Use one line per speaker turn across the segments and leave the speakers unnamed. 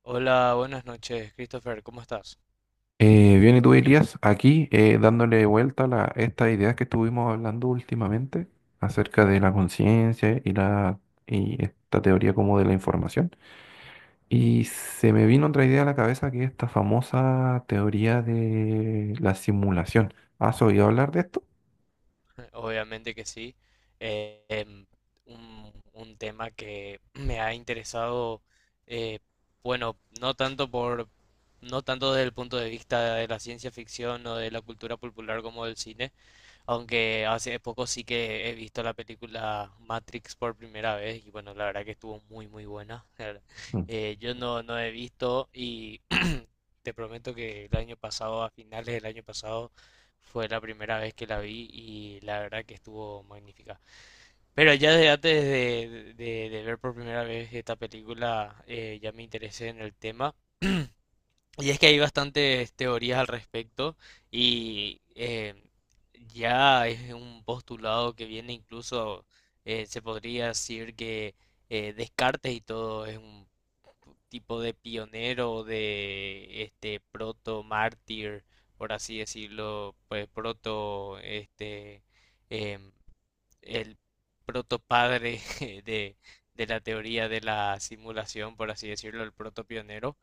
Hola, buenas noches, Christopher, ¿cómo estás?
Bien, y tú Elías, aquí dándole vuelta a estas ideas que estuvimos hablando últimamente acerca de la conciencia y esta teoría como de la información. Y se me vino otra idea a la cabeza, que es esta famosa teoría de la simulación. ¿Has oído hablar de esto?
Obviamente que sí. Eh, em, un tema que me ha interesado, eh, bueno, no tanto desde el punto de vista de la ciencia ficción o de la cultura popular como del cine, aunque hace poco sí que he visto la película Matrix por primera vez y bueno, la verdad que estuvo muy muy buena.
Mm.
Yo no, no he visto y te prometo que el año pasado, a finales del año pasado, fue la primera vez que la vi y la verdad que estuvo magnífica. Pero ya desde de ver por primera vez esta película, ya me interesé en el tema. Y es que hay bastantes teorías al respecto y ya es un postulado que viene incluso, se podría decir que Descartes y todo es un tipo de pionero, de este proto mártir, por así decirlo, pues proto este em, el proto padre de, de la teoría de la simulación, por así decirlo, el proto pionero,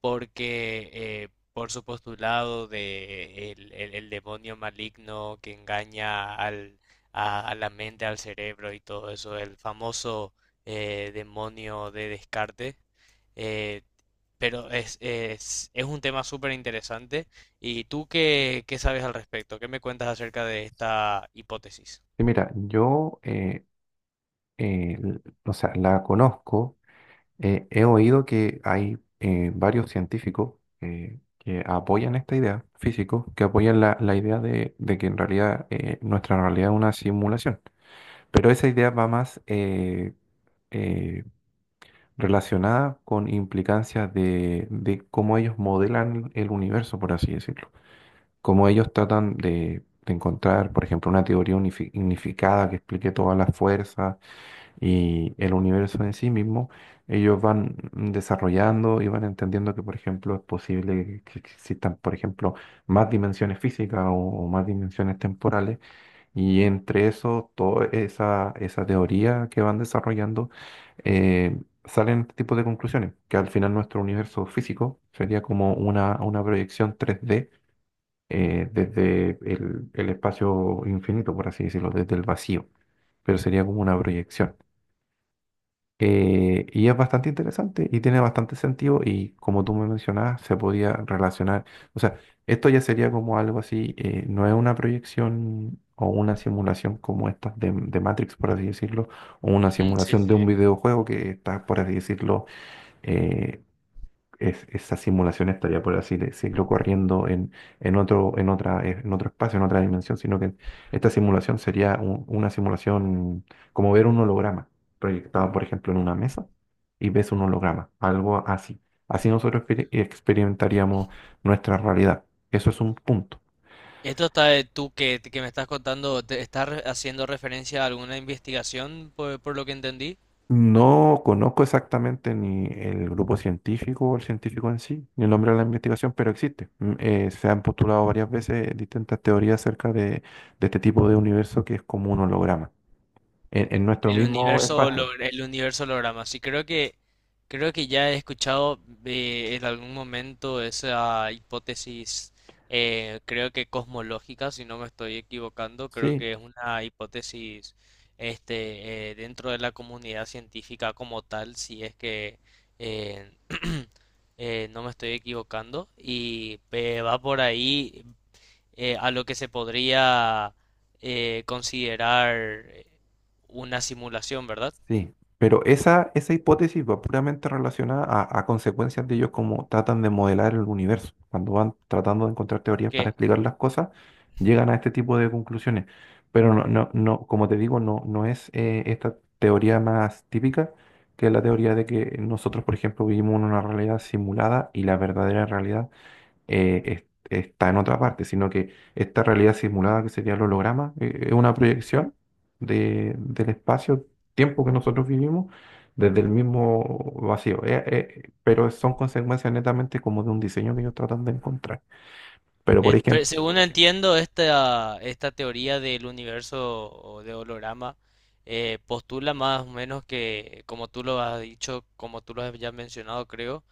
porque por su postulado de el demonio maligno que engaña a la mente, al cerebro y todo eso, el famoso demonio de Descartes. eh, pero es un tema súper interesante. ¿Y tú qué sabes al respecto? ¿Qué me cuentas acerca de esta hipótesis?
Y mira, o sea, la conozco. He oído que hay varios científicos, que apoyan esta idea, físicos, que apoyan la idea de que en realidad nuestra realidad es una simulación. Pero esa idea va más eh, relacionada con implicancias de cómo ellos modelan el universo, por así decirlo. Cómo ellos tratan de encontrar, por ejemplo, una teoría unificada que explique todas las fuerzas y el universo en sí mismo. Ellos van desarrollando y van entendiendo que, por ejemplo, es posible que existan, por ejemplo, más dimensiones físicas o más dimensiones temporales, y entre eso, toda esa teoría que van desarrollando, eh, salen este tipo de conclusiones, que al final nuestro universo físico sería como una proyección 3D. Desde el espacio infinito, por así decirlo, desde el vacío, pero sería como una proyección. Y es bastante interesante y tiene bastante sentido, y como tú me mencionabas, se podía relacionar, o sea, esto ya sería como algo así. No es una proyección o una simulación como esta de Matrix, por así decirlo, o una
Ujú, sí,
simulación de
sí.
un videojuego que está, por así decirlo, eh, esa simulación estaría, por así decirlo, corriendo en otro, en otro espacio, en otra dimensión, sino que esta simulación sería una simulación, como ver un holograma proyectado, por ejemplo, en una mesa, y ves un holograma, algo así. Así nosotros experimentaríamos nuestra realidad. Eso es un punto.
Esto está, de tú que me estás contando, ¿te estás haciendo referencia a alguna investigación por lo que entendí?
No conozco exactamente ni el grupo científico o el científico en sí, ni el nombre de la investigación, pero existe. Mm, se han postulado varias veces distintas teorías acerca de este tipo de universo que es como un holograma, en nuestro
El
mismo
universo
espacio.
Holograma. El universo holograma. Sí, creo que ya he escuchado en algún momento esa hipótesis, creo que cosmológica, si no me estoy equivocando, creo
Sí.
que es una hipótesis, dentro de la comunidad científica como tal, si es que eh, no me estoy equivocando y va por ahí a lo que se podría considerar una simulación, ¿verdad?
Sí, pero esa hipótesis va puramente relacionada a consecuencias de ellos, como tratan de modelar el universo. Cuando van tratando de encontrar teorías para
Que
explicar las cosas, llegan a este tipo de conclusiones. Pero no, no, no, como te digo, no, no es esta teoría más típica, que es la teoría de que nosotros, por ejemplo, vivimos en una realidad simulada y la verdadera realidad eh, está en otra parte, sino que esta realidad simulada, que sería el holograma, es una proyección del espacio-tiempo que nosotros vivimos desde el mismo vacío. Pero son consecuencias netamente como de un diseño que ellos tratan de encontrar. Pero por ejemplo,
Según entiendo, esta teoría del universo o de holograma, postula más o menos que, como tú lo has dicho, como tú lo has ya mencionado, creo,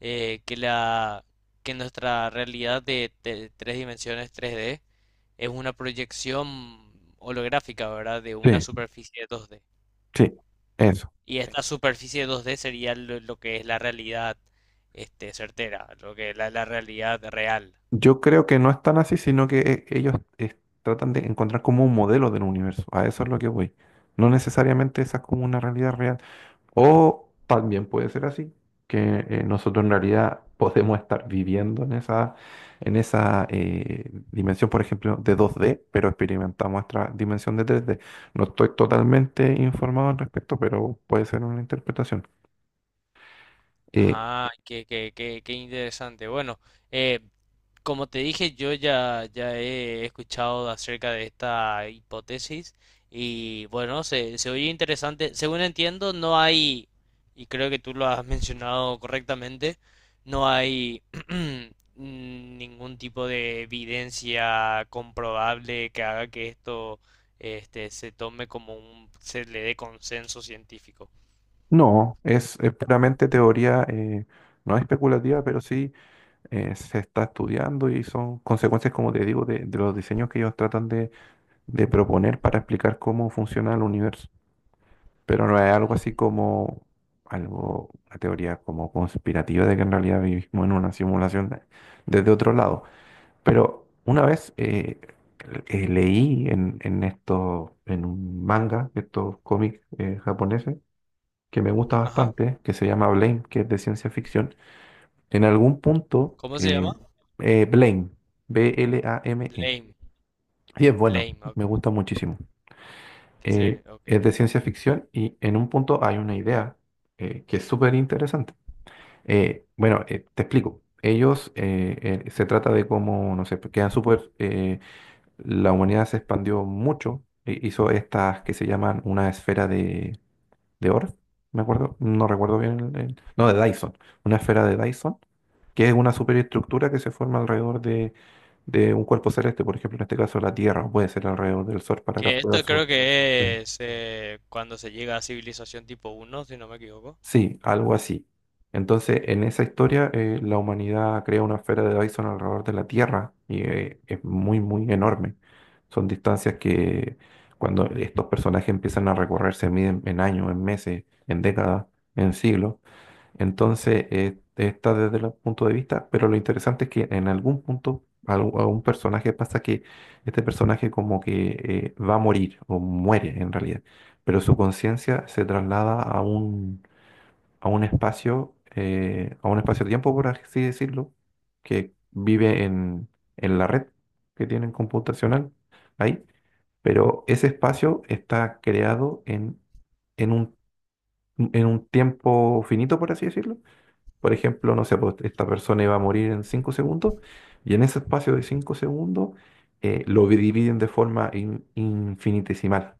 eh, que la, que nuestra realidad de tres dimensiones 3D es una proyección holográfica, ¿verdad? De una
sí,
superficie 2D.
sí, eso.
Y sí. Esta superficie 2D sería lo que es la realidad, certera, lo que es la realidad real.
Yo creo que no es tan así, sino que ellos tratan de encontrar como un modelo del universo. A eso es lo que voy. No necesariamente esa es como una realidad real. O también puede ser así, que nosotros en realidad podemos estar viviendo en esa dimensión, por ejemplo, de 2D, pero experimentamos nuestra dimensión de 3D. No estoy totalmente informado al respecto, pero puede ser una interpretación. Eh,
Ah, qué interesante. Bueno, eh, como te dije, ya he escuchado acerca de esta hipótesis y bueno, se oye interesante. Según entiendo, no hay, y creo que tú lo has mencionado correctamente, no hay ningún tipo de evidencia comprobable que haga que esto, se tome como se le dé consenso científico.
no, es puramente teoría. No especulativa, pero sí se está estudiando, y son consecuencias, como te digo, de los diseños que ellos tratan de proponer para explicar cómo funciona el universo. Pero no es algo así como algo, una teoría como conspirativa de que en realidad vivimos en una simulación desde otro lado. Pero una vez leí en esto, en un manga, de estos cómics japoneses, que me gusta
Ajá.
bastante, que se llama Blame, que es de ciencia ficción. En algún punto,
¿Cómo se llama?
Blame, B-L-A-M-E.
Blame.
Y es bueno,
Blame, ok,
me gusta muchísimo. eh,
ok.
es de ciencia ficción, y en un punto hay una idea que es súper interesante. Bueno, Te explico. Ellos, se trata de cómo, no sé, pues, quedan súper, la humanidad se expandió mucho, hizo estas que se llaman una esfera de Orff, me acuerdo, no recuerdo bien, no, de Dyson, una esfera de Dyson, que es una superestructura que se forma alrededor de un cuerpo celeste, por ejemplo, en este caso la Tierra, o puede ser alrededor del Sol para
Que
capturar
esto creo
su... Sí.
que es cuando se llega a civilización tipo uno, si no me equivoco.
Sí, algo así. Entonces, en esa historia, la humanidad crea una esfera de Dyson alrededor de la Tierra, y es muy, muy enorme. Son distancias que cuando estos personajes empiezan a recorrer se miden en años, en meses, en décadas, en siglos. Entonces, está desde el punto de vista, pero lo interesante es que en algún punto a un personaje pasa que este personaje como que va a morir o muere en realidad, pero su conciencia se traslada a un espacio, a un espacio-tiempo, por así decirlo, que vive en la red que tienen computacional ahí, pero ese espacio está creado en un, en un tiempo finito, por así decirlo. Por ejemplo, no sé, pues, esta persona iba a morir en 5 segundos, y en ese espacio de 5 segundos lo dividen de forma infinitesimal.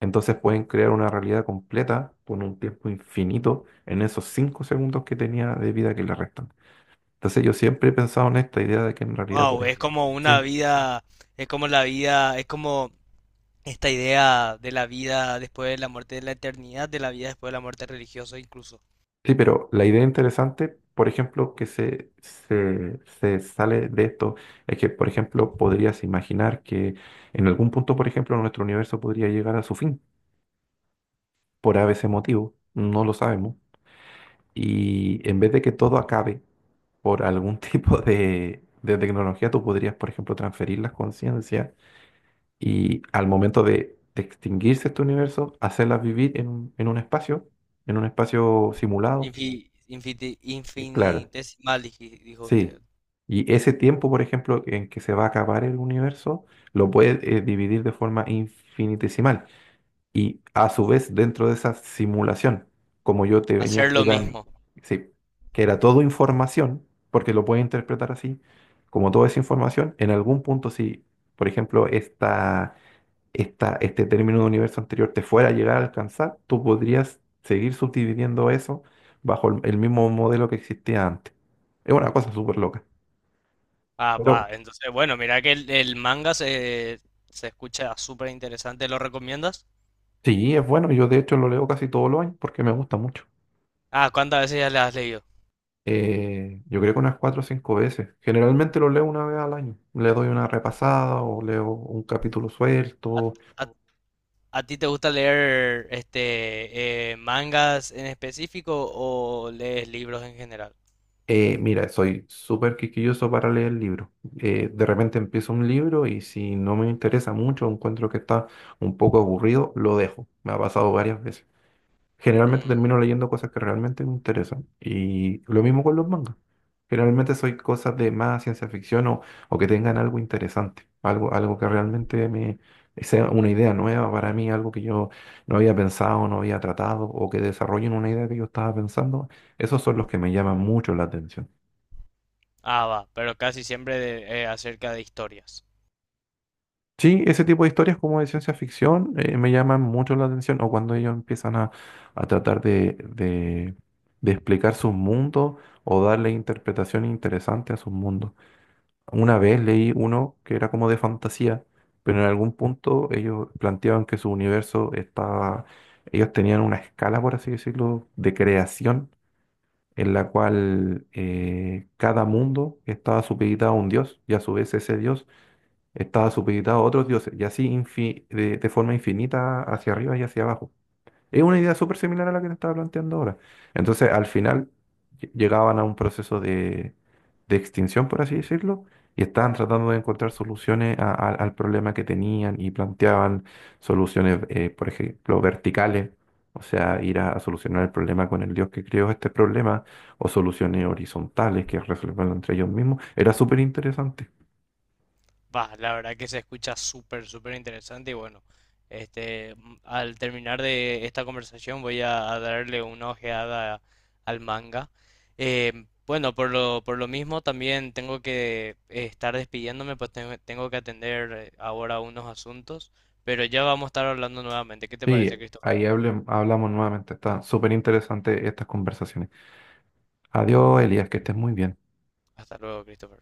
Entonces pueden crear una realidad completa con un tiempo infinito en esos 5 segundos que tenía de vida que le restan. Entonces yo siempre he pensado en esta idea de que en realidad...
Wow, es como una
Sí,
vida, es como la vida, es como esta idea de la vida después de la muerte, de la eternidad, de la vida después de la muerte religiosa incluso.
sí, pero la idea interesante, por ejemplo, que se sale de esto, es que, por ejemplo, podrías imaginar que en algún punto, por ejemplo, nuestro universo podría llegar a su fin, por ese motivo, no lo sabemos. Y en vez de que todo acabe, por algún tipo de tecnología, tú podrías, por ejemplo, transferir las conciencias y al momento de extinguirse este universo, hacerlas vivir en un espacio simulado.
Infi-
Claro,
Infinitesimal, dijo usted.
sí. Y ese tiempo, por ejemplo, en que se va a acabar el universo, lo puedes dividir de forma infinitesimal. Y a su vez dentro de esa simulación, como yo te venía
Hacer lo
explicando,
mismo.
sí, que era todo información, porque lo puedes interpretar así, como toda esa información, en algún punto si, por ejemplo, este término de universo anterior te fuera a llegar a alcanzar, tú podrías seguir subdividiendo eso bajo el mismo modelo que existía antes. Es una cosa súper loca.
Ah,
Pero
va, entonces, bueno, mira que el manga se escucha súper interesante, ¿lo recomiendas?
sí, es bueno, yo de hecho lo leo casi todos los años porque me gusta mucho.
Ah, ¿cuántas veces ya le has leído?
Yo creo que unas cuatro o cinco veces. Generalmente lo leo una vez al año. Le doy una repasada o leo un capítulo suelto.
A, ¿a ti te gusta leer mangas en específico o lees libros en general?
Mira, soy súper quisquilloso para leer libros. De repente empiezo un libro y si no me interesa mucho, encuentro que está un poco aburrido, lo dejo. Me ha pasado varias veces. Generalmente
Mm,
termino leyendo cosas que realmente me interesan. Y lo mismo con los mangas. Generalmente soy cosas de más ciencia ficción, o que tengan algo interesante, algo, algo que realmente me sea una idea nueva para mí, algo que yo no había pensado, no había tratado, o que desarrollen una idea que yo estaba pensando. Esos son los que me llaman mucho la atención.
ah, va, pero casi siempre acerca de historias.
Sí, ese tipo de historias como de ciencia ficción me llaman mucho la atención, o cuando ellos empiezan a tratar de explicar sus mundos o darle interpretación interesante a sus mundos. Una vez leí uno que era como de fantasía, pero en algún punto ellos planteaban que su universo estaba, ellos tenían una escala, por así decirlo, de creación, en la cual cada mundo estaba supeditado a un dios, y a su vez ese dios estaba supeditado a otros dioses, y así de forma infinita hacia arriba y hacia abajo. Es una idea súper similar a la que te estaba planteando ahora. Entonces, al final llegaban a un proceso de extinción, por así decirlo, y estaban tratando de encontrar soluciones al problema que tenían, y planteaban soluciones, por ejemplo, verticales. O sea, ir a solucionar el problema con el dios que creó este problema, o soluciones horizontales, que resolverlo entre ellos mismos. Era súper interesante.
Va, la verdad que se escucha súper, súper interesante y bueno, este, al terminar de esta conversación voy a darle una ojeada al manga. Eh, bueno, por lo mismo también tengo que estar despidiéndome, pues tengo, tengo que atender ahora unos asuntos, pero ya vamos a estar hablando nuevamente. ¿Qué te
Sí,
parece, Christopher?
ahí hablamos nuevamente. Está súper interesante estas conversaciones. Adiós, Elías, que estés muy bien.
Hasta luego, Christopher.